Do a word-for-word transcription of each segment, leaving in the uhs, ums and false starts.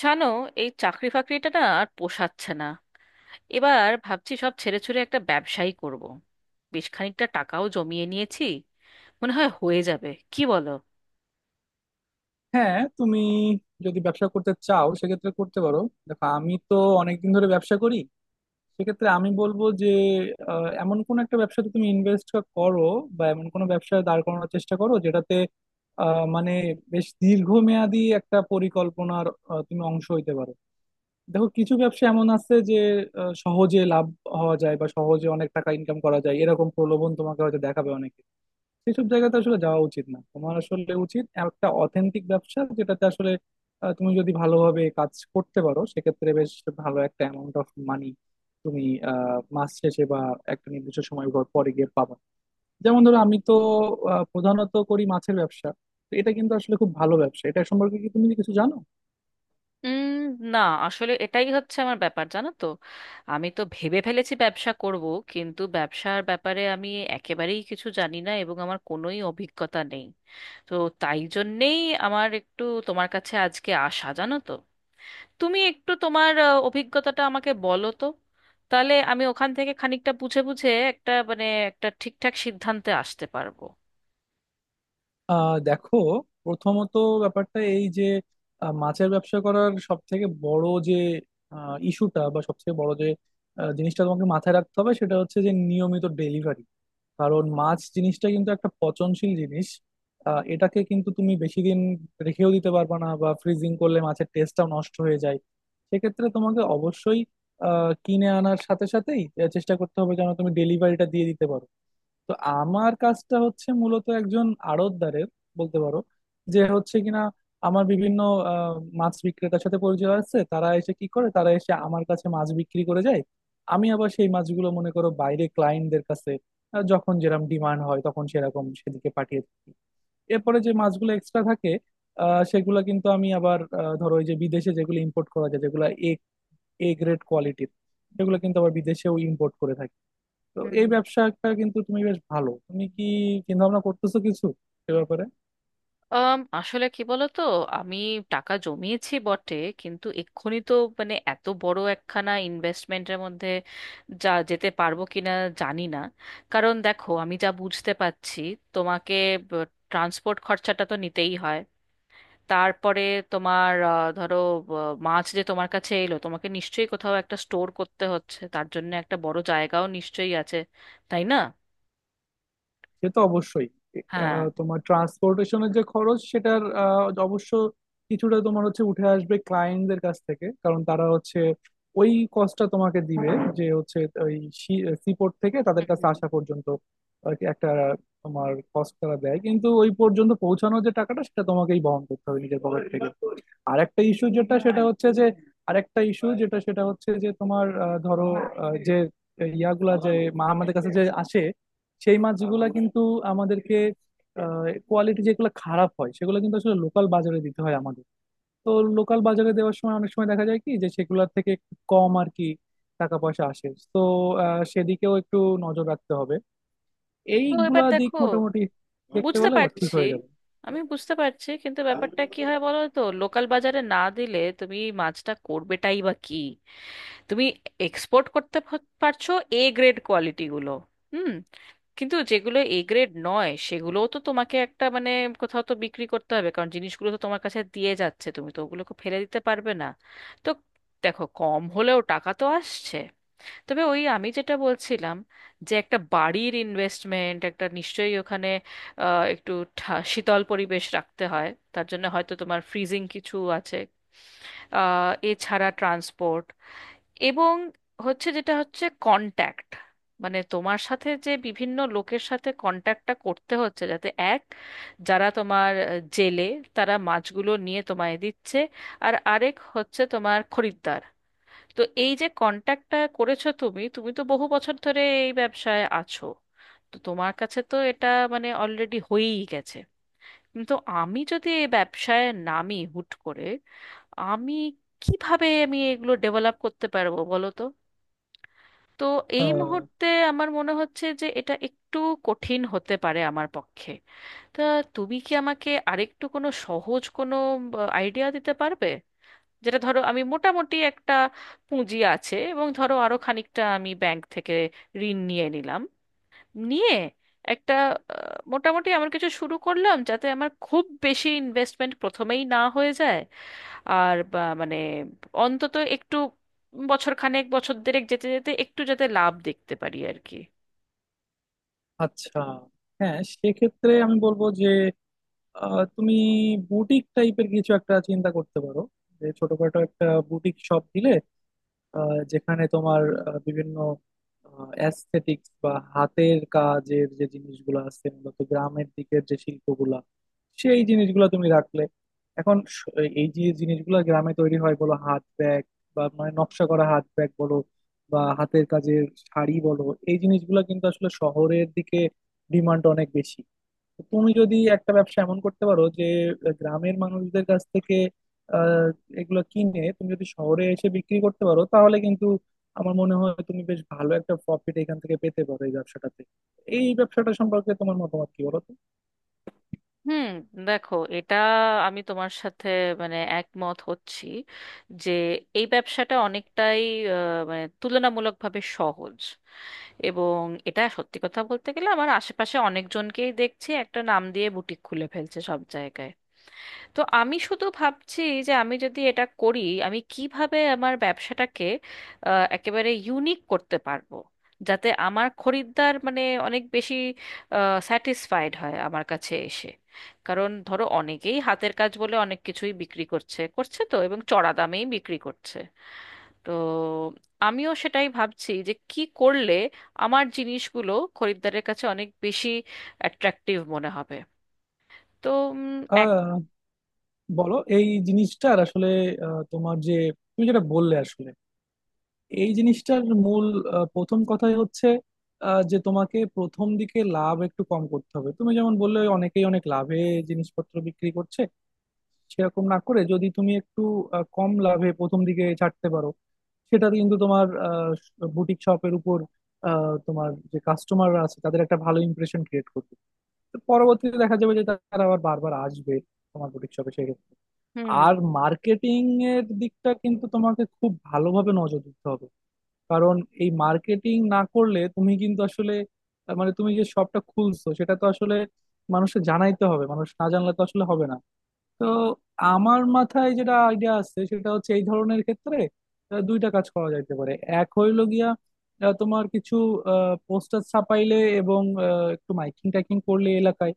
জানো, এই চাকরি ফাকরিটা না আর পোষাচ্ছে না। এবার ভাবছি সব ছেড়ে ছুড়ে একটা ব্যবসাই করব। বেশ খানিকটা টাকাও জমিয়ে নিয়েছি, মনে হয় হয়ে যাবে, কি বলো? হ্যাঁ, তুমি যদি ব্যবসা করতে চাও সেক্ষেত্রে করতে পারো। দেখো, আমি তো অনেকদিন ধরে ব্যবসা করি। সেক্ষেত্রে আমি বলবো যে আহ, এমন কোন একটা ব্যবসাতে তুমি ইনভেস্ট করো, বা এমন কোনো ব্যবসায় দাঁড় করানোর চেষ্টা করো যেটাতে আহ, মানে বেশ দীর্ঘমেয়াদী একটা পরিকল্পনার আহ, তুমি অংশ হইতে পারো। দেখো, কিছু ব্যবসা এমন আছে যে আহ, সহজে লাভ হওয়া যায় বা সহজে অনেক টাকা ইনকাম করা যায়, এরকম প্রলোভন তোমাকে হয়তো দেখাবে অনেকে। সেসব জায়গাতে আসলে যাওয়া উচিত না, তোমার আসলে উচিত একটা অথেন্টিক ব্যবসা যেটাতে আসলে আহ, তুমি যদি ভালোভাবে কাজ করতে পারো সেক্ষেত্রে বেশ ভালো একটা অ্যামাউন্ট অফ মানি তুমি আহ, মাস শেষে বা একটা নির্দিষ্ট সময় পর পরে গিয়ে পাবা। যেমন ধরো, আমি তো আহ, প্রধানত করি মাছের ব্যবসা। তো এটা কিন্তু আসলে খুব ভালো ব্যবসা। এটা সম্পর্কে কি তুমি কিছু জানো? উম না, আসলে এটাই হচ্ছে আমার ব্যাপার, জানো তো। আমি তো ভেবে ফেলেছি ব্যবসা করব, কিন্তু ব্যবসার ব্যাপারে আমি একেবারেই কিছু জানি না, এবং আমার কোনোই অভিজ্ঞতা নেই। তো তাই জন্যেই আমার একটু তোমার কাছে আজকে আসা, জানো তো। তুমি একটু তোমার আহ, অভিজ্ঞতাটা আমাকে বলো তো, তাহলে আমি ওখান থেকে খানিকটা বুঝে বুঝে একটা মানে একটা ঠিকঠাক সিদ্ধান্তে আসতে পারবো। আহ দেখো, প্রথমত ব্যাপারটা এই যে আহ, মাছের ব্যবসা করার সব থেকে বড় যে ইস্যুটা বা সব থেকে বড় যে আহ, জিনিসটা তোমাকে মাথায় রাখতে হবে সেটা হচ্ছে যে নিয়মিত ডেলিভারি। কারণ মাছ জিনিসটা কিন্তু একটা পচনশীল জিনিস। আহ, এটাকে কিন্তু তুমি বেশি দিন রেখেও দিতে পারবে না, বা ফ্রিজিং করলে মাছের টেস্টটাও নষ্ট হয়ে যায়। সেক্ষেত্রে তোমাকে অবশ্যই আহ, কিনে আনার সাথে সাথেই আহ, চেষ্টা করতে হবে যেন তুমি ডেলিভারিটা দিয়ে দিতে পারো। তো আমার কাজটা হচ্ছে মূলত একজন আড়তদারের, বলতে পারো, যে হচ্ছে কিনা আমার বিভিন্ন আহ, মাছ বিক্রেতার সাথে পরিচয় আছে। তারা এসে কি করে, তারা এসে আমার কাছে মাছ বিক্রি করে যায়। আমি আবার সেই মাছগুলো মনে করো বাইরে ক্লায়েন্টদের কাছে আহ, যখন যেরকম ডিমান্ড হয় তখন সেরকম সেদিকে পাঠিয়ে থাকি। এরপরে যে মাছগুলো এক্সট্রা থাকে আহ সেগুলো কিন্তু আমি আবার আহ, ধরো ওই যে বিদেশে যেগুলো ইম্পোর্ট করা যায়, যেগুলো এ এ গ্রেড কোয়ালিটির, সেগুলো কিন্তু আবার বিদেশেও ইম্পোর্ট করে থাকি। তো হুম। এই ব্যবসাটা কিন্তু তুমি বেশ ভালো। তুমি কি চিন্তা ভাবনা করতেছো কিছু এ ব্যাপারে? আম, আসলে কি বলো তো, আমি টাকা জমিয়েছি বটে, কিন্তু এক্ষুনি তো মানে এত বড় একখানা ইনভেস্টমেন্টের মধ্যে যা যেতে পারবো কিনা জানি না। কারণ দেখো, আমি যা বুঝতে পারছি, তোমাকে ট্রান্সপোর্ট খরচাটা তো নিতেই হয়। তারপরে তোমার আহ, ধরো, আহ, মাছ যে তোমার কাছে এলো, তোমাকে নিশ্চয়ই কোথাও একটা স্টোর করতে হচ্ছে, তার জন্য একটা বড় জায়গাও নিশ্চয়ই আছে, তাই না? সে তো অবশ্যই। হ্যাঁ। আহ, তোমার ট্রান্সপোর্টেশনের যে খরচ সেটার আহ, অবশ্য কিছুটা তোমার হচ্ছে উঠে আসবে ক্লায়েন্টদের কাছ থেকে, কারণ তারা হচ্ছে ওই কস্টটা তোমাকে দিবে, যে হচ্ছে ওই সিপোর্ট থেকে তাদের হুম কাছে হুম। আসা পর্যন্ত। আর কি, একটা তোমার কস্ট তারা দেয় কিন্তু ওই পর্যন্ত পৌঁছানোর যে টাকাটা সেটা তোমাকেই বহন করতে হবে নিজের পকেট থেকে। আর একটা ইস্যু যেটা সেটা হচ্ছে যে আরেকটা ইস্যু যেটা সেটা হচ্ছে যে তোমার আহ, ধরো আহ, যে ইয়াগুলা যে মা- আমাদের কাছে যে আসে সেই মাছগুলা কিন্তু আমাদেরকে, কোয়ালিটি যেগুলো খারাপ হয় সেগুলো কিন্তু আসলে লোকাল বাজারে দিতে হয় আমাদের। তো লোকাল বাজারে দেওয়ার সময় অনেক সময় দেখা যায় কি যে সেগুলোর থেকে একটু কম আর কি টাকা পয়সা আসে। তো আহ, সেদিকেও একটু নজর রাখতে হবে। তো এবার এইগুলা দিক দেখো, মোটামুটি দেখতে বুঝতে পেলে আবার ঠিক পারছি। হয়ে যাবে। আমি বুঝতে পারছি, কিন্তু ব্যাপারটা কি হয় বলো তো, লোকাল বাজারে না দিলে তুমি মাছটা করবেটাই বা কি? তুমি এক্সপোর্ট করতে প- পারছো এ গ্রেড কোয়ালিটি গুলো। হুম। কিন্তু যেগুলো এ গ্রেড নয়, সেগুলোও তো তোমাকে একটা মানে কোথাও তো বিক্রি করতে হবে, কারণ জিনিসগুলো তো তোমার কাছে দিয়ে যাচ্ছে, তুমি তো ওগুলোকে ফেলে দিতে পারবে না। তো দেখো, কম হলেও টাকা তো আসছে। তবে ওই আমি যেটা বলছিলাম, যে একটা বাড়ির ইনভেস্টমেন্ট একটা নিশ্চয়ই ওখানে আহ, একটু ঠা- শীতল পরিবেশ রাখতে হয়, তার জন্য হয়তো তোমার ফ্রিজিং কিছু আছে। আহ, এছাড়া ট্রান্সপোর্ট, এবং হচ্ছে যেটা হচ্ছে কন্ট্যাক্ট। মানে তোমার সাথে যে বিভিন্ন লোকের সাথে কন্ট্যাক্টটা করতে হচ্ছে, যাতে এক, যারা তোমার আহ, জেলে, তারা মাছগুলো নিয়ে তোমায় দিচ্ছে, আর আরেক হচ্ছে তোমার খরিদ্দার। তো এই যে কন্ট্যাক্টটা করেছো তুমি, তুমি তো বহু বছর ধরে এই ব্যবসায় আছো, তো তোমার কাছে তো এটা মানে অলরেডি হয়েই গেছে। কিন্তু আমি যদি এই ব্যবসায় নামি হুট করে, আমি কিভাবে আমি এগুলো ডেভেলপ করতে পারবো বলো তো? তো এই আহ, মুহূর্তে আমার মনে হচ্ছে যে এটা একটু কঠিন হতে পারে আমার পক্ষে। তা তুমি কি আমাকে আরেকটু কোনো সহজ কোনো আইডিয়া দিতে পারবে, যেটা ধরো আমি মোটামুটি একটা পুঁজি আছে, এবং ধরো আরো খানিকটা আমি ব্যাংক থেকে ঋণ নিয়ে নিলাম, নিয়ে একটা আহ, মোটামুটি আমার কিছু শুরু করলাম, যাতে আমার খুব বেশি ইনভেস্টমেন্ট প্রথমেই না হয়ে যায়। আর বা- মানে অন্তত একটু বছর খানেক বছর দেড়েক যেতে যেতে একটু যাতে লাভ দেখতে পারি আর কি। আচ্ছা, হ্যাঁ, সেক্ষেত্রে আমি বলবো যে আহ, তুমি বুটিক টাইপের কিছু একটা চিন্তা করতে পারো। যে ছোটখাটো একটা বুটিক শপ দিলে আহ, যেখানে তোমার আহ, বিভিন্ন অ্যাস্থেটিক্স বা হাতের কাজের যে জিনিসগুলো আছে, মূলত গ্রামের দিকের যে শিল্পগুলা, সেই জিনিসগুলো তুমি রাখলে। এখন স- এই যে জিনিসগুলো গ্রামে তৈরি হয়, বলো হাত ব্যাগ, বা মানে নকশা করা হাত ব্যাগ বলো, বা হাতের কাজের শাড়ি বলো, এই জিনিসগুলো কিন্তু আসলে শহরের দিকে ডিমান্ড অনেক বেশি। তো তুমি যদি একটা ব্যবসা এমন করতে পারো যে আহ, গ্রামের মানুষদের কাছ থেকে আহ, এগুলো কিনে তুমি যদি শহরে এসে বিক্রি করতে পারো, তাহলে কিন্তু আমার মনে হয় তুমি বেশ ভালো একটা প্রফিট এখান থেকে পেতে পারো এই ব্যবসাটাতে। এই ব্যবসাটা সম্পর্কে তোমার মতামত কি, বলো তো? হুম। দেখো, এটা আমি তোমার সাথে মানে একমত হচ্ছি, যে এই ব্যবসাটা অনেকটাই আহ, মানে তুলনামূলকভাবে সহজ। এবং এটা সত্যি কথা বলতে গেলে আমার আশেপাশে অনেকজনকেই দেখছি একটা নাম দিয়ে বুটিক খুলে ফেলছে সব জায়গায়। তো আমি শুধু ভাবছি যে আমি যদি এটা করি, আমি কিভাবে আমার ব্যবসাটাকে আহ, একেবারে ইউনিক করতে পারবো, যাতে আমার খরিদ্দার মানে অনেক বেশি স্যাটিসফাইড হয় আমার কাছে এসে। কারণ ধরো, অনেকেই হাতের কাজ বলে অনেক কিছুই বিক্রি করছে করছে তো, এবং চড়া দামেই বিক্রি করছে। তো আমিও সেটাই ভাবছি যে কি করলে আমার জিনিসগুলো খরিদ্দারের কাছে অনেক বেশি অ্যাট্রাকটিভ মনে হবে। তো উম, এক। আহ বলো, এই জিনিসটার আসলে আহ, তোমার যে তুমি যেটা বললে আসলে, এই জিনিসটার মূল আহ, প্রথম কথাই হচ্ছে আহ, যে তোমাকে প্রথম দিকে লাভ একটু কম করতে হবে। তুমি যেমন বললে অনেকেই অনেক লাভে জিনিসপত্র বিক্রি করছে, সেরকম না করে যদি তুমি একটু আহ, কম লাভে প্রথম দিকে ছাড়তে পারো, সেটাতে কিন্তু তোমার বুটিক শপের উপর আহ, তোমার যে কাস্টমাররা আছে তাদের একটা ভালো ইমপ্রেশন ক্রিয়েট করবে। তো পরবর্তীতে দেখা যাবে যে তারা আবার বারবার আসবে তোমার বুটিক শপে সেক্ষেত্রে। হুম আর মার্কেটিং এর দিকটা কিন্তু তোমাকে খুব ভালোভাবে নজর দিতে হবে, কারণ এই মার্কেটিং না করলে তুমি কিন্তু আসলে আহ, মানে তুমি যে শপটা খুলছো সেটা তো আসলে মানুষকে জানাইতে হবে, মানুষ না জানলে তো আসলে হবে না। তো আমার মাথায় যেটা আইডিয়া আছে সেটা হচ্ছে এই ধরনের ক্ষেত্রে আহ, দুইটা কাজ করা যাইতে পারে। এক হইলো গিয়া আহ, তোমার কিছু পোস্টার ছাপাইলে এবং আহ, একটু মাইকিং টাইকিং করলে এলাকায়।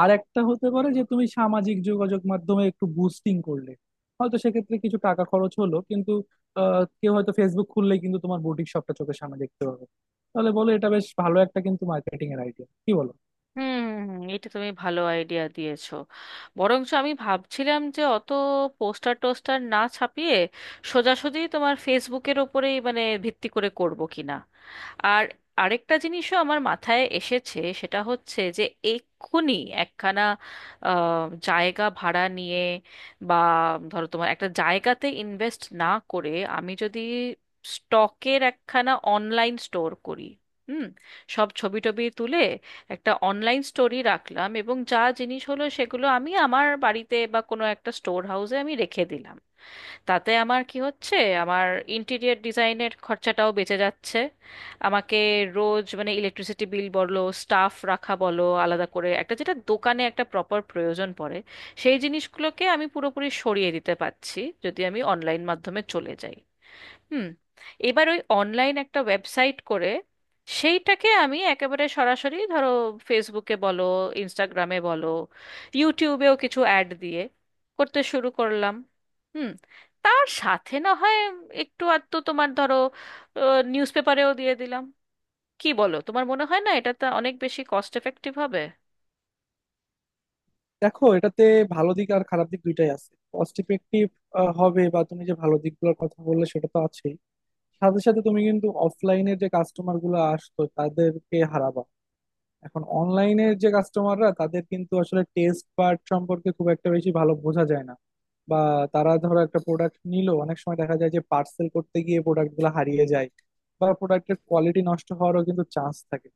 আর একটা হতে পারে যে তুমি সামাজিক যোগাযোগ মাধ্যমে একটু বুস্টিং করলে, হয়তো সেক্ষেত্রে কিছু টাকা খরচ হলো, কিন্তু আহ, কেউ হয়তো ফেসবুক খুললেই কিন্তু তোমার বুটিক শপটা চোখের সামনে দেখতে পাবে। তাহলে বলো, এটা বেশ ভালো একটা কিন্তু মার্কেটিং এর আইডিয়া, কি বলো? হুম হুম হুম, এটা তুমি ভালো আইডিয়া দিয়েছো। বরঞ্চ আমি ভাবছিলাম যে অত পোস্টার টোস্টার না ছাপিয়ে সোজাসুজি তোমার ফেসবুকের ওপরেই মানে ভিত্তি করে করব কিনা। আর আরেকটা জিনিসও আমার মাথায় এসেছে, সেটা হচ্ছে যে এক্ষুনি একখানা আহ, জায়গা ভাড়া নিয়ে বা ধরো তোমার একটা জায়গাতে ইনভেস্ট না করে আমি যদি স্টকের একখানা অনলাইন স্টোর করি। হুম। সব ছবি টবি তুলে একটা অনলাইন স্টোরি রাখলাম, এবং যা জিনিস হলো সেগুলো আমি আমার বাড়িতে বা কোনো একটা স্টোর হাউসে আমি রেখে দিলাম। তাতে আমার কি হচ্ছে, আমার ইন্টেরিয়ার ডিজাইনের খরচাটাও বেঁচে যাচ্ছে। আমাকে রোজ মানে ইলেকট্রিসিটি বিল বলো, স্টাফ রাখা বলো, আলাদা করে একটা যেটা দোকানে একটা প্রপার প্রয়োজন পড়ে, সেই জিনিসগুলোকে আমি পুরোপুরি সরিয়ে দিতে পারছি যদি আমি অনলাইন মাধ্যমে চলে যাই। হুম। এবার ওই অনলাইন একটা ওয়েবসাইট করে সেইটাকে আমি একেবারে সরাসরি ধরো ফেসবুকে বলো, ইনস্টাগ্রামে বলো, ইউটিউবেও কিছু অ্যাড দিয়ে করতে শুরু করলাম। হুম। তার সাথে না হয় একটু আধটু তোমার ধরো নিউজ পেপারেও দিয়ে দিলাম। কি বলো, তোমার মনে হয় না এটা তো অনেক বেশি কস্ট এফেক্টিভ হবে? দেখো, এটাতে ভালো দিক আর খারাপ দিক দুইটাই আছে। কস্ট ইফেক্টিভ হবে বা তুমি যে ভালো দিকগুলোর কথা বললে সেটা তো আছেই, সাথে সাথে তুমি কিন্তু অফলাইনে যে কাস্টমার গুলো আসতো তাদেরকে হারাবা। এখন অনলাইনে যে কাস্টমাররা, তাদের কিন্তু আসলে টেস্ট পার্ট সম্পর্কে খুব একটা বেশি ভালো বোঝা যায় না। বা তারা ধরো একটা প্রোডাক্ট নিল, অনেক সময় দেখা যায় যে পার্সেল করতে গিয়ে প্রোডাক্ট গুলো হারিয়ে যায়, বা প্রোডাক্টের কোয়ালিটি নষ্ট হওয়ারও কিন্তু চান্স থাকে,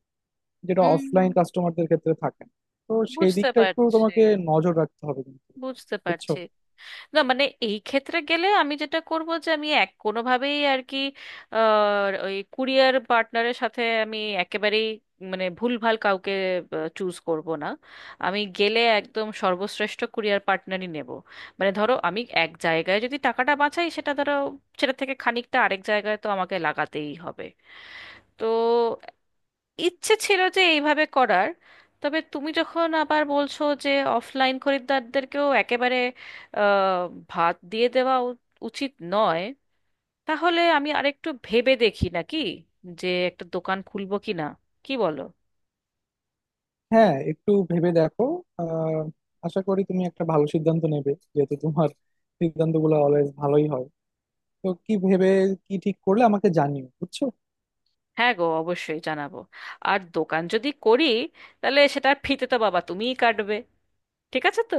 যেটা উম, অফলাইন কাস্টমারদের ক্ষেত্রে থাকে না। তো সেই বুঝতে দিকটা একটু পারছি। তোমাকে নজর রাখতে হবে কিন্তু, বুঝতে বুঝছো? পারছি। না মানে এই ক্ষেত্রে গেলে আমি যেটা করব যে আমি এক কোনোভাবেই আর কি আহ, ওই কুরিয়ার পার্টনারের সাথে আমি একেবারেই মানে ভুলভাল কাউকে চুজ করব না। আমি গেলে একদম সর্বশ্রেষ্ঠ কুরিয়ার পার্টনারই নেব। মানে ধরো, আমি এক জায়গায় যদি টাকাটা বাঁচাই, সেটা ধরো সেটা থেকে খানিকটা আরেক জায়গায় তো আমাকে লাগাতেই হবে। তো ইচ্ছে ছিল যে এইভাবে করার। তবে তুমি যখন আবার বলছো যে অফলাইন খরিদ্দারদেরকেও একেবারে আহ, ভাত দিয়ে দেওয়া উ- উচিত নয়, তাহলে আমি আরেকটু ভেবে দেখি নাকি যে একটা দোকান খুলবো কি না, কি বলো? হ্যাঁ, একটু ভেবে দেখো। আহ আশা করি তুমি একটা ভালো সিদ্ধান্ত নেবে, যেহেতু তোমার সিদ্ধান্তগুলো অলওয়েজ ভালোই হয়। তো কি ভেবে কি ঠিক করলে আমাকে জানিও, বুঝছো? হ্যাঁ গো, অবশ্যই জানাবো। আর দোকান যদি করি, তাহলে সেটার ফিতে তো বাবা তুমিই কাটবে, ঠিক আছে তো?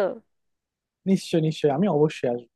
নিশ্চয়, নিশ্চয়, আমি অবশ্যই আসবো।